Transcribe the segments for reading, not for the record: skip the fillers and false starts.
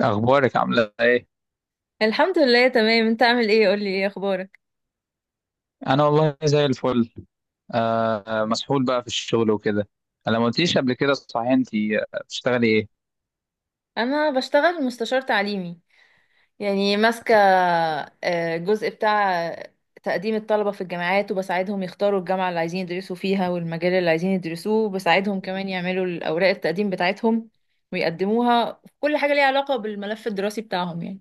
أخبارك عاملة إيه؟ الحمد لله، تمام. انت عامل ايه؟ قولي، ايه اخبارك؟ أنا والله زي الفل. آه، مسحول بقى في الشغل وكده. أنا ما قلتليش قبل كده، صحيح أنت بتشتغلي إيه؟ انا بشتغل مستشار تعليمي، يعني ماسكه جزء بتاع تقديم الطلبه في الجامعات، وبساعدهم يختاروا الجامعه اللي عايزين يدرسوا فيها والمجال اللي عايزين يدرسوه، وبساعدهم كمان يعملوا الاوراق التقديم بتاعتهم ويقدموها في كل حاجه ليها علاقه بالملف الدراسي بتاعهم يعني.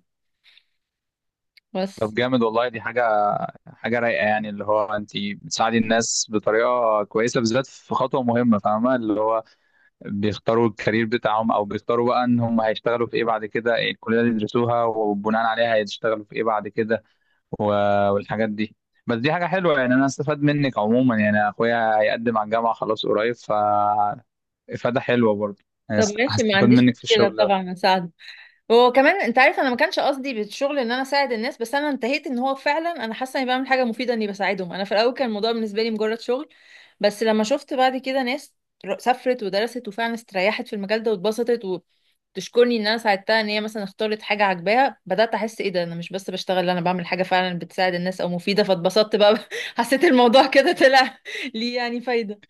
طب بس. جامد والله، دي حاجة رايقة يعني، اللي هو أنت بتساعدي الناس بطريقة كويسة، بالذات في خطوة مهمة، فاهمة؟ اللي هو بيختاروا الكارير بتاعهم، او بيختاروا بقى ان هم هيشتغلوا في ايه بعد كده، إيه الكليه اللي يدرسوها وبناء عليها هيشتغلوا في ايه بعد كده والحاجات دي. بس دي حاجه حلوه يعني، انا استفاد منك عموما، يعني اخويا هيقدم على الجامعه خلاص قريب، ف افاده حلوه برضه، يعني طب ماشي، ما هستفاد عنديش منك في مشكله الشغل ده. طبعا، هساعدك. وكمان انت عارف، انا ما كانش قصدي بالشغل ان انا اساعد الناس، بس انا انتهيت ان هو فعلا انا حاسه اني بعمل حاجه مفيده اني بساعدهم. انا في الاول كان الموضوع بالنسبه لي مجرد شغل، بس لما شفت بعد كده ناس سافرت ودرست وفعلا استريحت في المجال ده واتبسطت، وتشكرني ان انا ساعدتها ان هي مثلا اختارت حاجه عاجباها، بدات احس ايه ده، انا مش بس بشتغل، لا، انا بعمل حاجه فعلا بتساعد الناس او مفيده، فاتبسطت بقى حسيت الموضوع كده طلع ليه يعني فايده.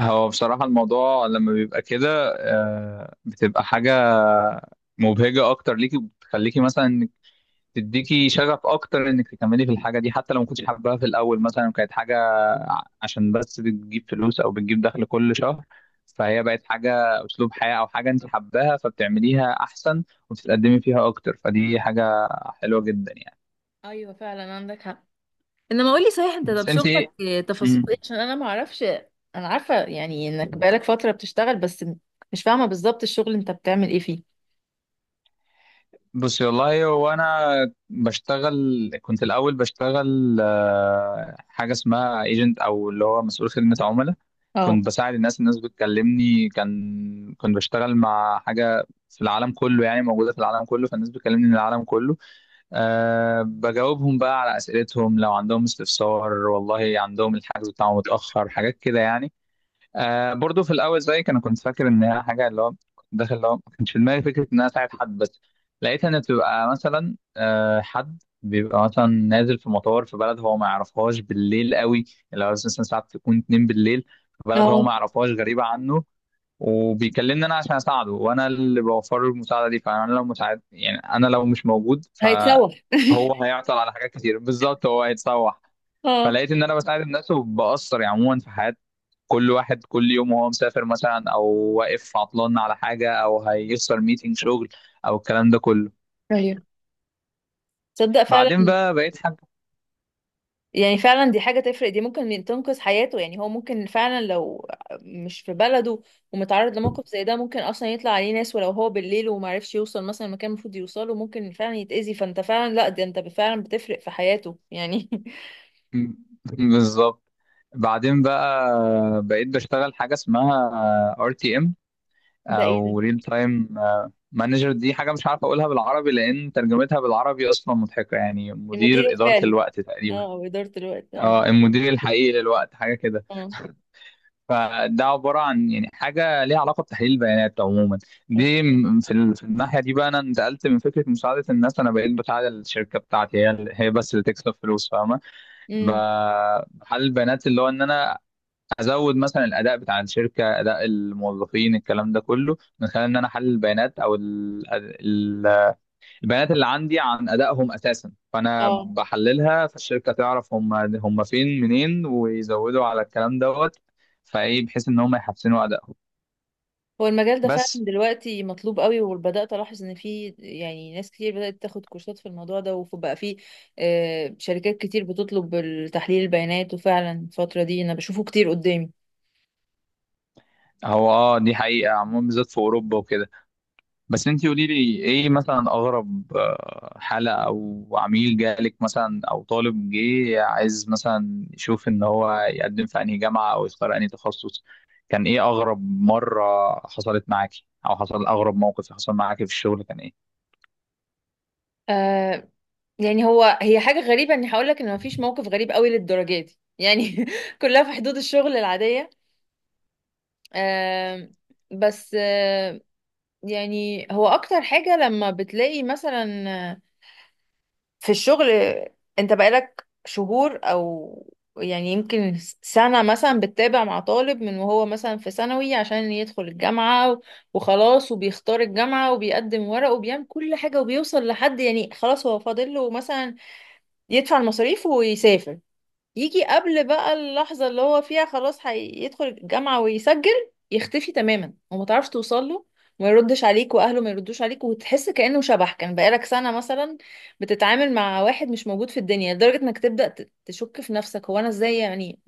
هو بصراحه الموضوع لما بيبقى كده، آه، بتبقى حاجه مبهجه اكتر ليكي، بتخليكي مثلا تديكي شغف اكتر انك تكملي في الحاجه دي، حتى لو ما كنتش حاباها في الاول، مثلا كانت حاجه عشان بس بتجيب فلوس او بتجيب دخل كل شهر، فهي بقت حاجه، اسلوب حياه، او حاجه انت حباها فبتعمليها احسن وبتتقدمي فيها اكتر، فدي حاجه حلوه جدا يعني. ايوه فعلا، عندك حق. انما قولي صحيح انت، طب بس انت شغلك إيه؟ تفاصيل مم. ايه؟ عشان انا ما اعرفش. انا عارفة يعني انك بقالك فترة بتشتغل، بس مش فاهمة بالظبط الشغل انت بتعمل ايه فيه. بصي والله، هو انا بشتغل، كنت الاول بشتغل حاجه اسمها ايجنت، او اللي هو مسؤول خدمه عملاء، اه. كنت بساعد الناس بتكلمني، كنت بشتغل مع حاجه في العالم كله، يعني موجوده في العالم كله، فالناس بتكلمني من العالم كله. بجاوبهم بقى على اسئلتهم لو عندهم استفسار، والله عندهم الحجز بتاعهم متاخر، حاجات كده يعني. آه، برضو في الاول زيك انا كنت فاكر ان هي حاجه، اللي هو كنت داخل اللي هو ما كانش في دماغي فكره ان انا اساعد حد. بس لقيت ان بتبقى مثلا حد بيبقى مثلا نازل في مطار في بلد هو ما يعرفهاش، بالليل قوي، اللي هو مثلا ساعات تكون 2 بالليل، في بلد هو اه، ما يعرفهاش، غريبه عنه، وبيكلمني انا عشان اساعده، وانا اللي بوفر له المساعده دي. فانا لو مساعد، يعني انا لو مش موجود هيتسوح. فهو هيعطل على حاجات كتير، بالظبط هو هيتسوح. اه. فلقيت ان انا بساعد الناس وبأثر يعني عموما في حياه كل واحد كل يوم، وهو مسافر مثلا، او واقف عطلان على حاجه، او هيخسر ميتنج شغل، او الكلام ده كله. ايوه، تصدق فعلا. بعدين بقى بقيت حاجه. يعني فعلا دي حاجة تفرق، دي ممكن تنقذ حياته يعني. هو ممكن فعلا لو مش في بلده ومتعرض لموقف زي ده، ممكن اصلا يطلع عليه ناس، ولو هو بالليل ومعرفش يوصل مثلا المكان المفروض يوصله، ممكن فعلا يتأذي، فانت فعلا لا، ده انت فعلا بتفرق في حياته يعني. بالظبط. بعدين بقى بقيت بشتغل حاجه اسمها RTM، ده ايه ده؟ او ريل تايم مانجر. دي حاجه مش عارف اقولها بالعربي، لان ترجمتها بالعربي اصلا مضحكه، يعني المدير مدير اداره الفعلي. الوقت اه، تقريبا. او اداره الوقت، اه. اه، المدير الحقيقي للوقت، حاجه كده. اه. فده عباره عن يعني حاجه ليها علاقه بتحليل البيانات عموما. دي اوكي. م- في ال- في الناحيه دي بقى انا انتقلت من فكره مساعده الناس، انا بقيت بساعد الشركه بتاعتي، هي بس اللي تكسب فلوس، فاهمه؟ امم. بحلل البيانات، اللي هو ان انا ازود مثلا الاداء بتاع الشركه، اداء الموظفين، الكلام ده كله، من خلال ان انا احلل البيانات او البيانات اللي عندي عن ادائهم اساسا، فانا اه. بحللها، فالشركه تعرف هم هم فين منين، ويزودوا على الكلام دوت فايه، بحيث ان هم يحسنوا ادائهم. هو المجال ده فعلا بس دلوقتي مطلوب قوي، وبدات الاحظ ان في يعني ناس كتير بدات تاخد كورسات في الموضوع ده، وبقى في آه شركات كتير بتطلب تحليل البيانات، وفعلا الفتره دي انا بشوفه كتير قدامي. هو دي حقيقه عموما، بالذات في اوروبا وكده. بس انتي قولي لي ايه مثلا اغرب حاله او عميل جالك مثلا، او طالب جه عايز مثلا يشوف ان هو يقدم في انهي جامعه، او يختار انهي تخصص، كان ايه اغرب مره حصلت معاكي، او حصل اغرب موقف حصل معاكي في الشغل، كان ايه؟ آه، يعني هو هي حاجه غريبه اني هقول لك ان مفيش موقف غريب قوي للدرجه دي يعني كلها في حدود الشغل العاديه. آه بس آه، يعني هو اكتر حاجة لما بتلاقي مثلا في الشغل، انت بقالك شهور او يعني يمكن سنة مثلا بتتابع مع طالب من وهو مثلا في ثانوي عشان يدخل الجامعة، وخلاص وبيختار الجامعة وبيقدم ورق وبيعمل كل حاجة وبيوصل لحد، يعني خلاص هو فاضل له مثلا يدفع المصاريف ويسافر، يجي قبل بقى اللحظة اللي هو فيها خلاص هيدخل الجامعة ويسجل، يختفي تماما وما تعرفش توصل له، وما يردش عليك واهله ما يردوش عليك، وتحس كأنه شبح. كان بقالك سنة مثلا بتتعامل مع واحد مش موجود في الدنيا، لدرجة انك تبدأ تشك في نفسك، هو انا ازاي يعني،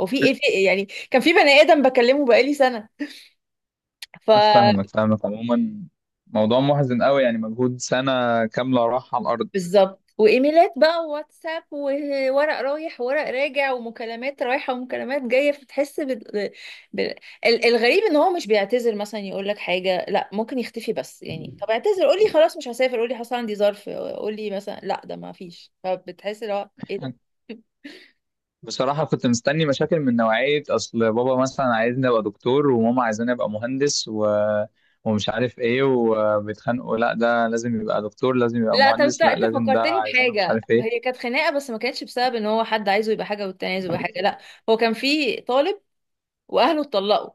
هو في ايه؟ في إيه؟ يعني كان في بني آدم بكلمه بقالي سنة، ف فاهمك فاهمك عموما، موضوع محزن قوي يعني، مجهود سنة كاملة راح على الأرض. بالظبط. وايميلات بقى وواتساب، وورق رايح وورق راجع، ومكالمات رايحه ومكالمات جايه، فتحس بال... الغريب ان هو مش بيعتذر مثلا، يقول لك حاجه، لا ممكن يختفي بس. يعني طب اعتذر، قول لي خلاص مش هسافر، قول لي حصل عندي ظرف، قول لي مثلا لا، ده ما فيش، فبتحس اللي هو ايه ده. بصراحة كنت مستني مشاكل من نوعية أصل بابا مثلا عايزني أبقى دكتور، وماما عايزاني أبقى مهندس، و... ومش عارف إيه، وبيتخانقوا، لا ده لازم يبقى دكتور، لازم يبقى لا طب، انت مهندس، لا انت لازم ده، فكرتني عايزينه مش بحاجه. عارف إيه. هي كانت خناقه بس ما كانتش بسبب ان هو حد عايزه يبقى حاجه والتاني عايزه يبقى حاجه، لا. هو كان في طالب واهله اتطلقوا،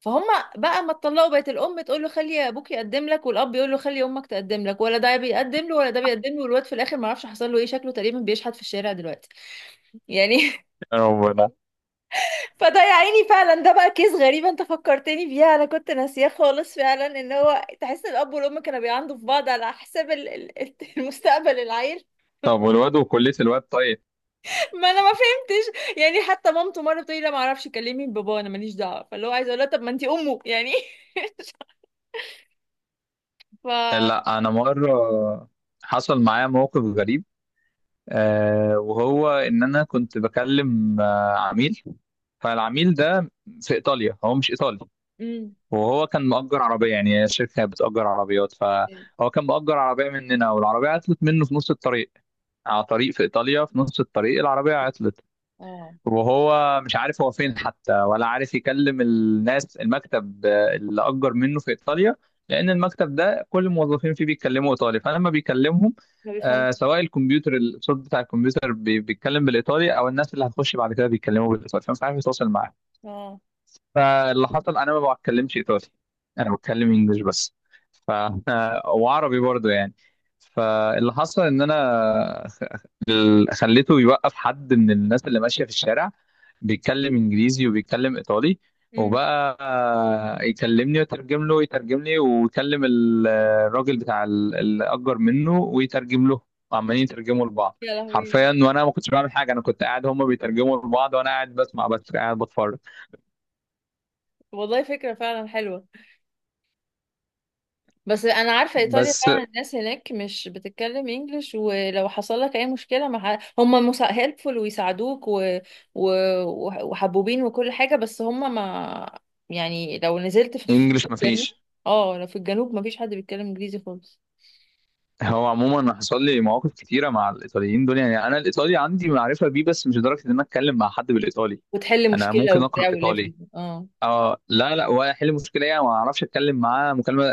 فهم بقى ما اتطلقوا بقت الام تقول له خلي ابوك يقدم لك، والاب يقول له خلي امك تقدم لك، ولا ده بيقدم له ولا ده بيقدم له، والواد في الاخر ما اعرفش حصل له ايه، شكله تقريبا بيشحت في الشارع دلوقتي يعني. يا ربنا. فده يا عيني فعلا، ده بقى كيس غريب، انت فكرتني بيها، انا كنت ناسياه خالص. فعلا ان هو تحس ان الاب والام كانوا بيعندوا في بعض على حساب المستقبل العيل. طب والواد، وكلية الواد طيب؟ ما انا ما فهمتش يعني، حتى مامته مره بتقولي لا ما اعرفش كلمي بابا، انا ماليش دعوه، فاللي هو عايزه اقول لها طب ما انت امه يعني. ف لا أنا مرة حصل معايا موقف غريب، آه، وهو إن أنا كنت بكلم عميل. فالعميل ده في ايطاليا، هو مش ايطالي، مم. وهو كان مأجر عربية، يعني الشركة بتأجر عربيات، فهو كان مأجر عربية مننا، والعربية عطلت منه في نص الطريق، على طريق في ايطاليا، في نص الطريق العربية عطلت، اه. وهو مش عارف هو فين حتى، ولا عارف يكلم الناس، المكتب اللي أجر منه في ايطاليا، لأن المكتب ده كل الموظفين فيه بيتكلموا ايطالي، فلما بيكلمهم ما بيفهمش. آه، سواء الكمبيوتر الصوت بتاع الكمبيوتر بيتكلم بالايطالي، او الناس اللي هتخش بعد كده بيتكلموا بالايطالي، فمش عارف يتواصل معاه. اه. فاللي حصل، انا ما بتكلمش ايطالي، انا بتكلم انجلش بس، ف وعربي برضو يعني. فاللي حصل ان انا خليته يوقف حد من الناس اللي ماشيه في الشارع، بيتكلم انجليزي وبيتكلم ايطالي، امم. وبقى يكلمني ويترجم له ويترجم لي، ويكلم الراجل بتاع اللي اجر منه ويترجم له، وعمالين يترجموا لبعض يا لهوي. حرفيا، وانا ما كنتش بعمل حاجه، انا كنت قاعد هما بيترجموا لبعض وانا قاعد بسمع بس، قاعد بتفرج. والله فكرة فعلا حلوة، بس انا عارفة ايطاليا بس فعلا الناس هناك مش بتتكلم انجلش، ولو حصل لك اي مشكلة مع هم هيلبفول ويساعدوك و... وحبوبين وكل حاجة، بس هم ما، يعني لو نزلت في خصوص انجلش في الجنوب، مفيش. اه لو في الجنوب ما فيش حد بيتكلم انجليزي خالص. هو عموما أنا حصل لي مواقف كتيره مع الايطاليين دول، يعني انا الايطالي عندي معرفه بيه، بس مش لدرجه ان انا اتكلم مع حد بالايطالي. وتحل انا مشكلة ممكن اقرا وبتاع ايطالي. وليفل، اه. اه لا لا، ولا احل مشكله يعني، ما اعرفش اتكلم معاه مكالمه،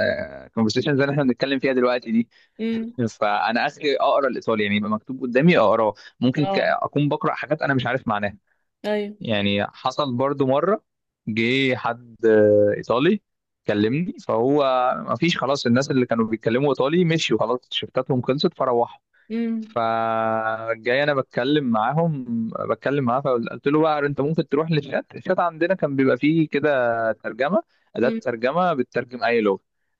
كونفرسيشن زي اللي احنا بنتكلم فيها دلوقتي دي. امم. فانا اخري اقرا الايطالي، يعني يبقى مكتوب قدامي اقراه، ممكن اه. اكون بقرا حاجات انا مش عارف معناها. ايوه. يعني حصل برضو مرة، جه حد إيطالي كلمني، فهو ما فيش خلاص، الناس اللي كانوا بيتكلموا إيطالي مشيوا خلاص، شفتاتهم خلصت فروحوا، امم. فجاي أنا بتكلم معاهم، بتكلم معاه، فقلت له بقى، أنت ممكن تروح للشات، الشات عندنا كان بيبقى فيه كده ترجمة، أداة امم. ترجمة بتترجم أي لغة.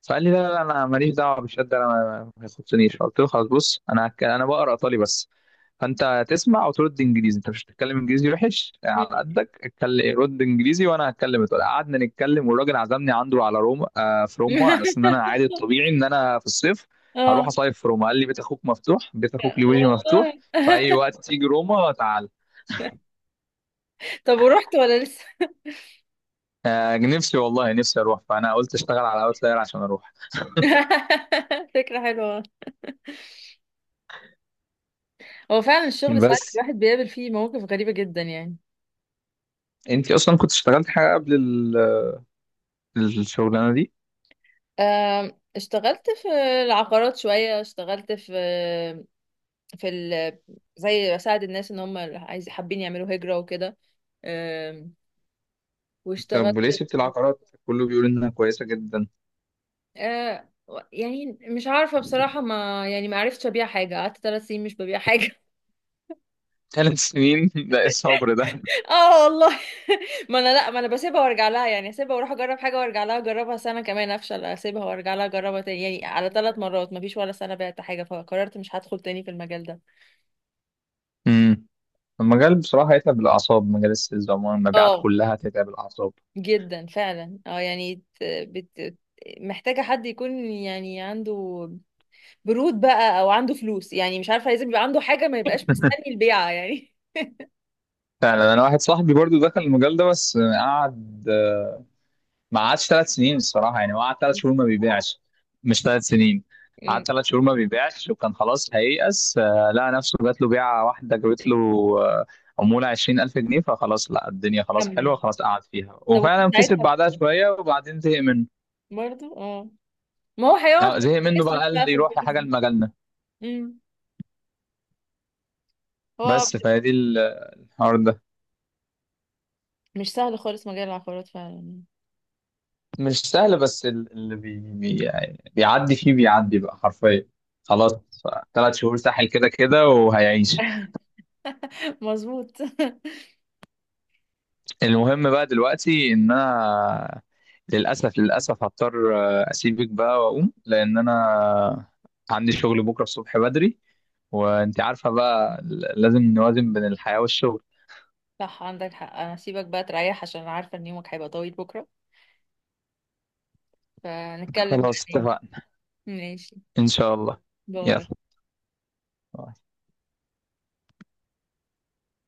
فقال لي لا لا لا، أنا ماليش دعوة بالشات، ما يخصنيش. قلت له خلاص، بص انا انا بقرا ايطالي بس، فانت تسمع وترد انجليزي، انت مش هتتكلم انجليزي وحش يعني، على قدك اتكلم، رد انجليزي وانا هتكلم ايطالي. قعدنا نتكلم، والراجل عزمني عنده على روما، آه، في روما، على اساس ان انا عادي الطبيعي ان انا في الصيف اه هروح اصيف في روما، قال لي بيت اخوك مفتوح، بيت اخوك لويجي مفتوح والله. في اي وقت تيجي روما تعال. طب ورحت ولا لسه؟ آه، نفسي والله نفسي اروح، فانا قلت اشتغل على اوتلاير عشان اروح. فكرة حلوة. هو فعلا الشغل ساعات بس الواحد بيقابل فيه مواقف غريبة جدا يعني. انت اصلا كنت اشتغلت حاجه قبل الشغلانه دي. آم، اشتغلت في العقارات شوية، اشتغلت في ال... زي بساعد الناس ان هم عايز حابين يعملوا هجرة وكده. آم، طب واشتغلت. وليه سبت العقارات؟ كله بيقول انها كويسه جدا. آه، يعني مش عارفة بصراحة، ما يعني ما عرفتش ابيع حاجة، قعدت 3 سنين مش ببيع حاجة. 3 سنين ده ايه الصبر ده؟ اه والله. ما انا لا، ما انا بسيبها وارجع لها يعني، اسيبها واروح اجرب حاجه وارجع لها، اجربها سنه كمان افشل، اسيبها وارجع لها اجربها تاني، يعني على 3 مرات ما فيش ولا سنه بعت حاجه، فقررت مش هدخل تاني في المجال ده. امم. المجال بصراحه هيتعب الاعصاب، مجال السيلز عموما، المبيعات اه. كلها هتتعب الاعصاب. جدا فعلا، اه. يعني محتاجه حد يكون يعني عنده برود بقى او عنده فلوس، يعني مش عارفه، لازم يبقى عنده حاجه ما يبقاش مستني البيعه يعني. فعلا، انا واحد صاحبي برضو دخل المجال ده بس قعد، ما قعدش 3 سنين الصراحه، يعني هو قعد 3 شهور ما بيبيعش، مش 3 سنين، امم. قعد ثلاث شهور ما بيبيعش، وكان خلاص هييأس، لقى نفسه جات له بيعه واحده، جابت له آه، عموله 20,000 جنيه، فخلاص لا، الدنيا خلاص كمل حلوه، بقى. خلاص قعد فيها، طب وفي وفعلا كسب ساعتها بعدها شويه وبعدين زهق منه. برضه اه، ما هو هيقعد بقى زهق منه بقى يصرف قال بقى لي في روح الفلوس لحاجه، دي. لمجالنا. امم. هو بس فهي دي الحوار ده مش سهل خالص مجال العقارات فعلا. مش سهل، بس اللي بي بي يعني بيعدي فيه، بيعدي بقى حرفيا، خلاص 3 شهور ساحل كده كده، وهيعيش. مظبوط. المهم بقى دلوقتي ان انا للاسف للاسف هضطر اسيبك بقى واقوم، لان انا عندي شغل بكره الصبح بدري، وانت عارفه بقى، لازم نوازن بين الحياه والشغل. صح عندك حق، انا سيبك بقى تريح، عشان أنا عارفة ان يومك هيبقى طويل بكرة. فنتكلم خلاص بعدين. اتفقنا. ماشي. ان شاء الله. باي. يلا.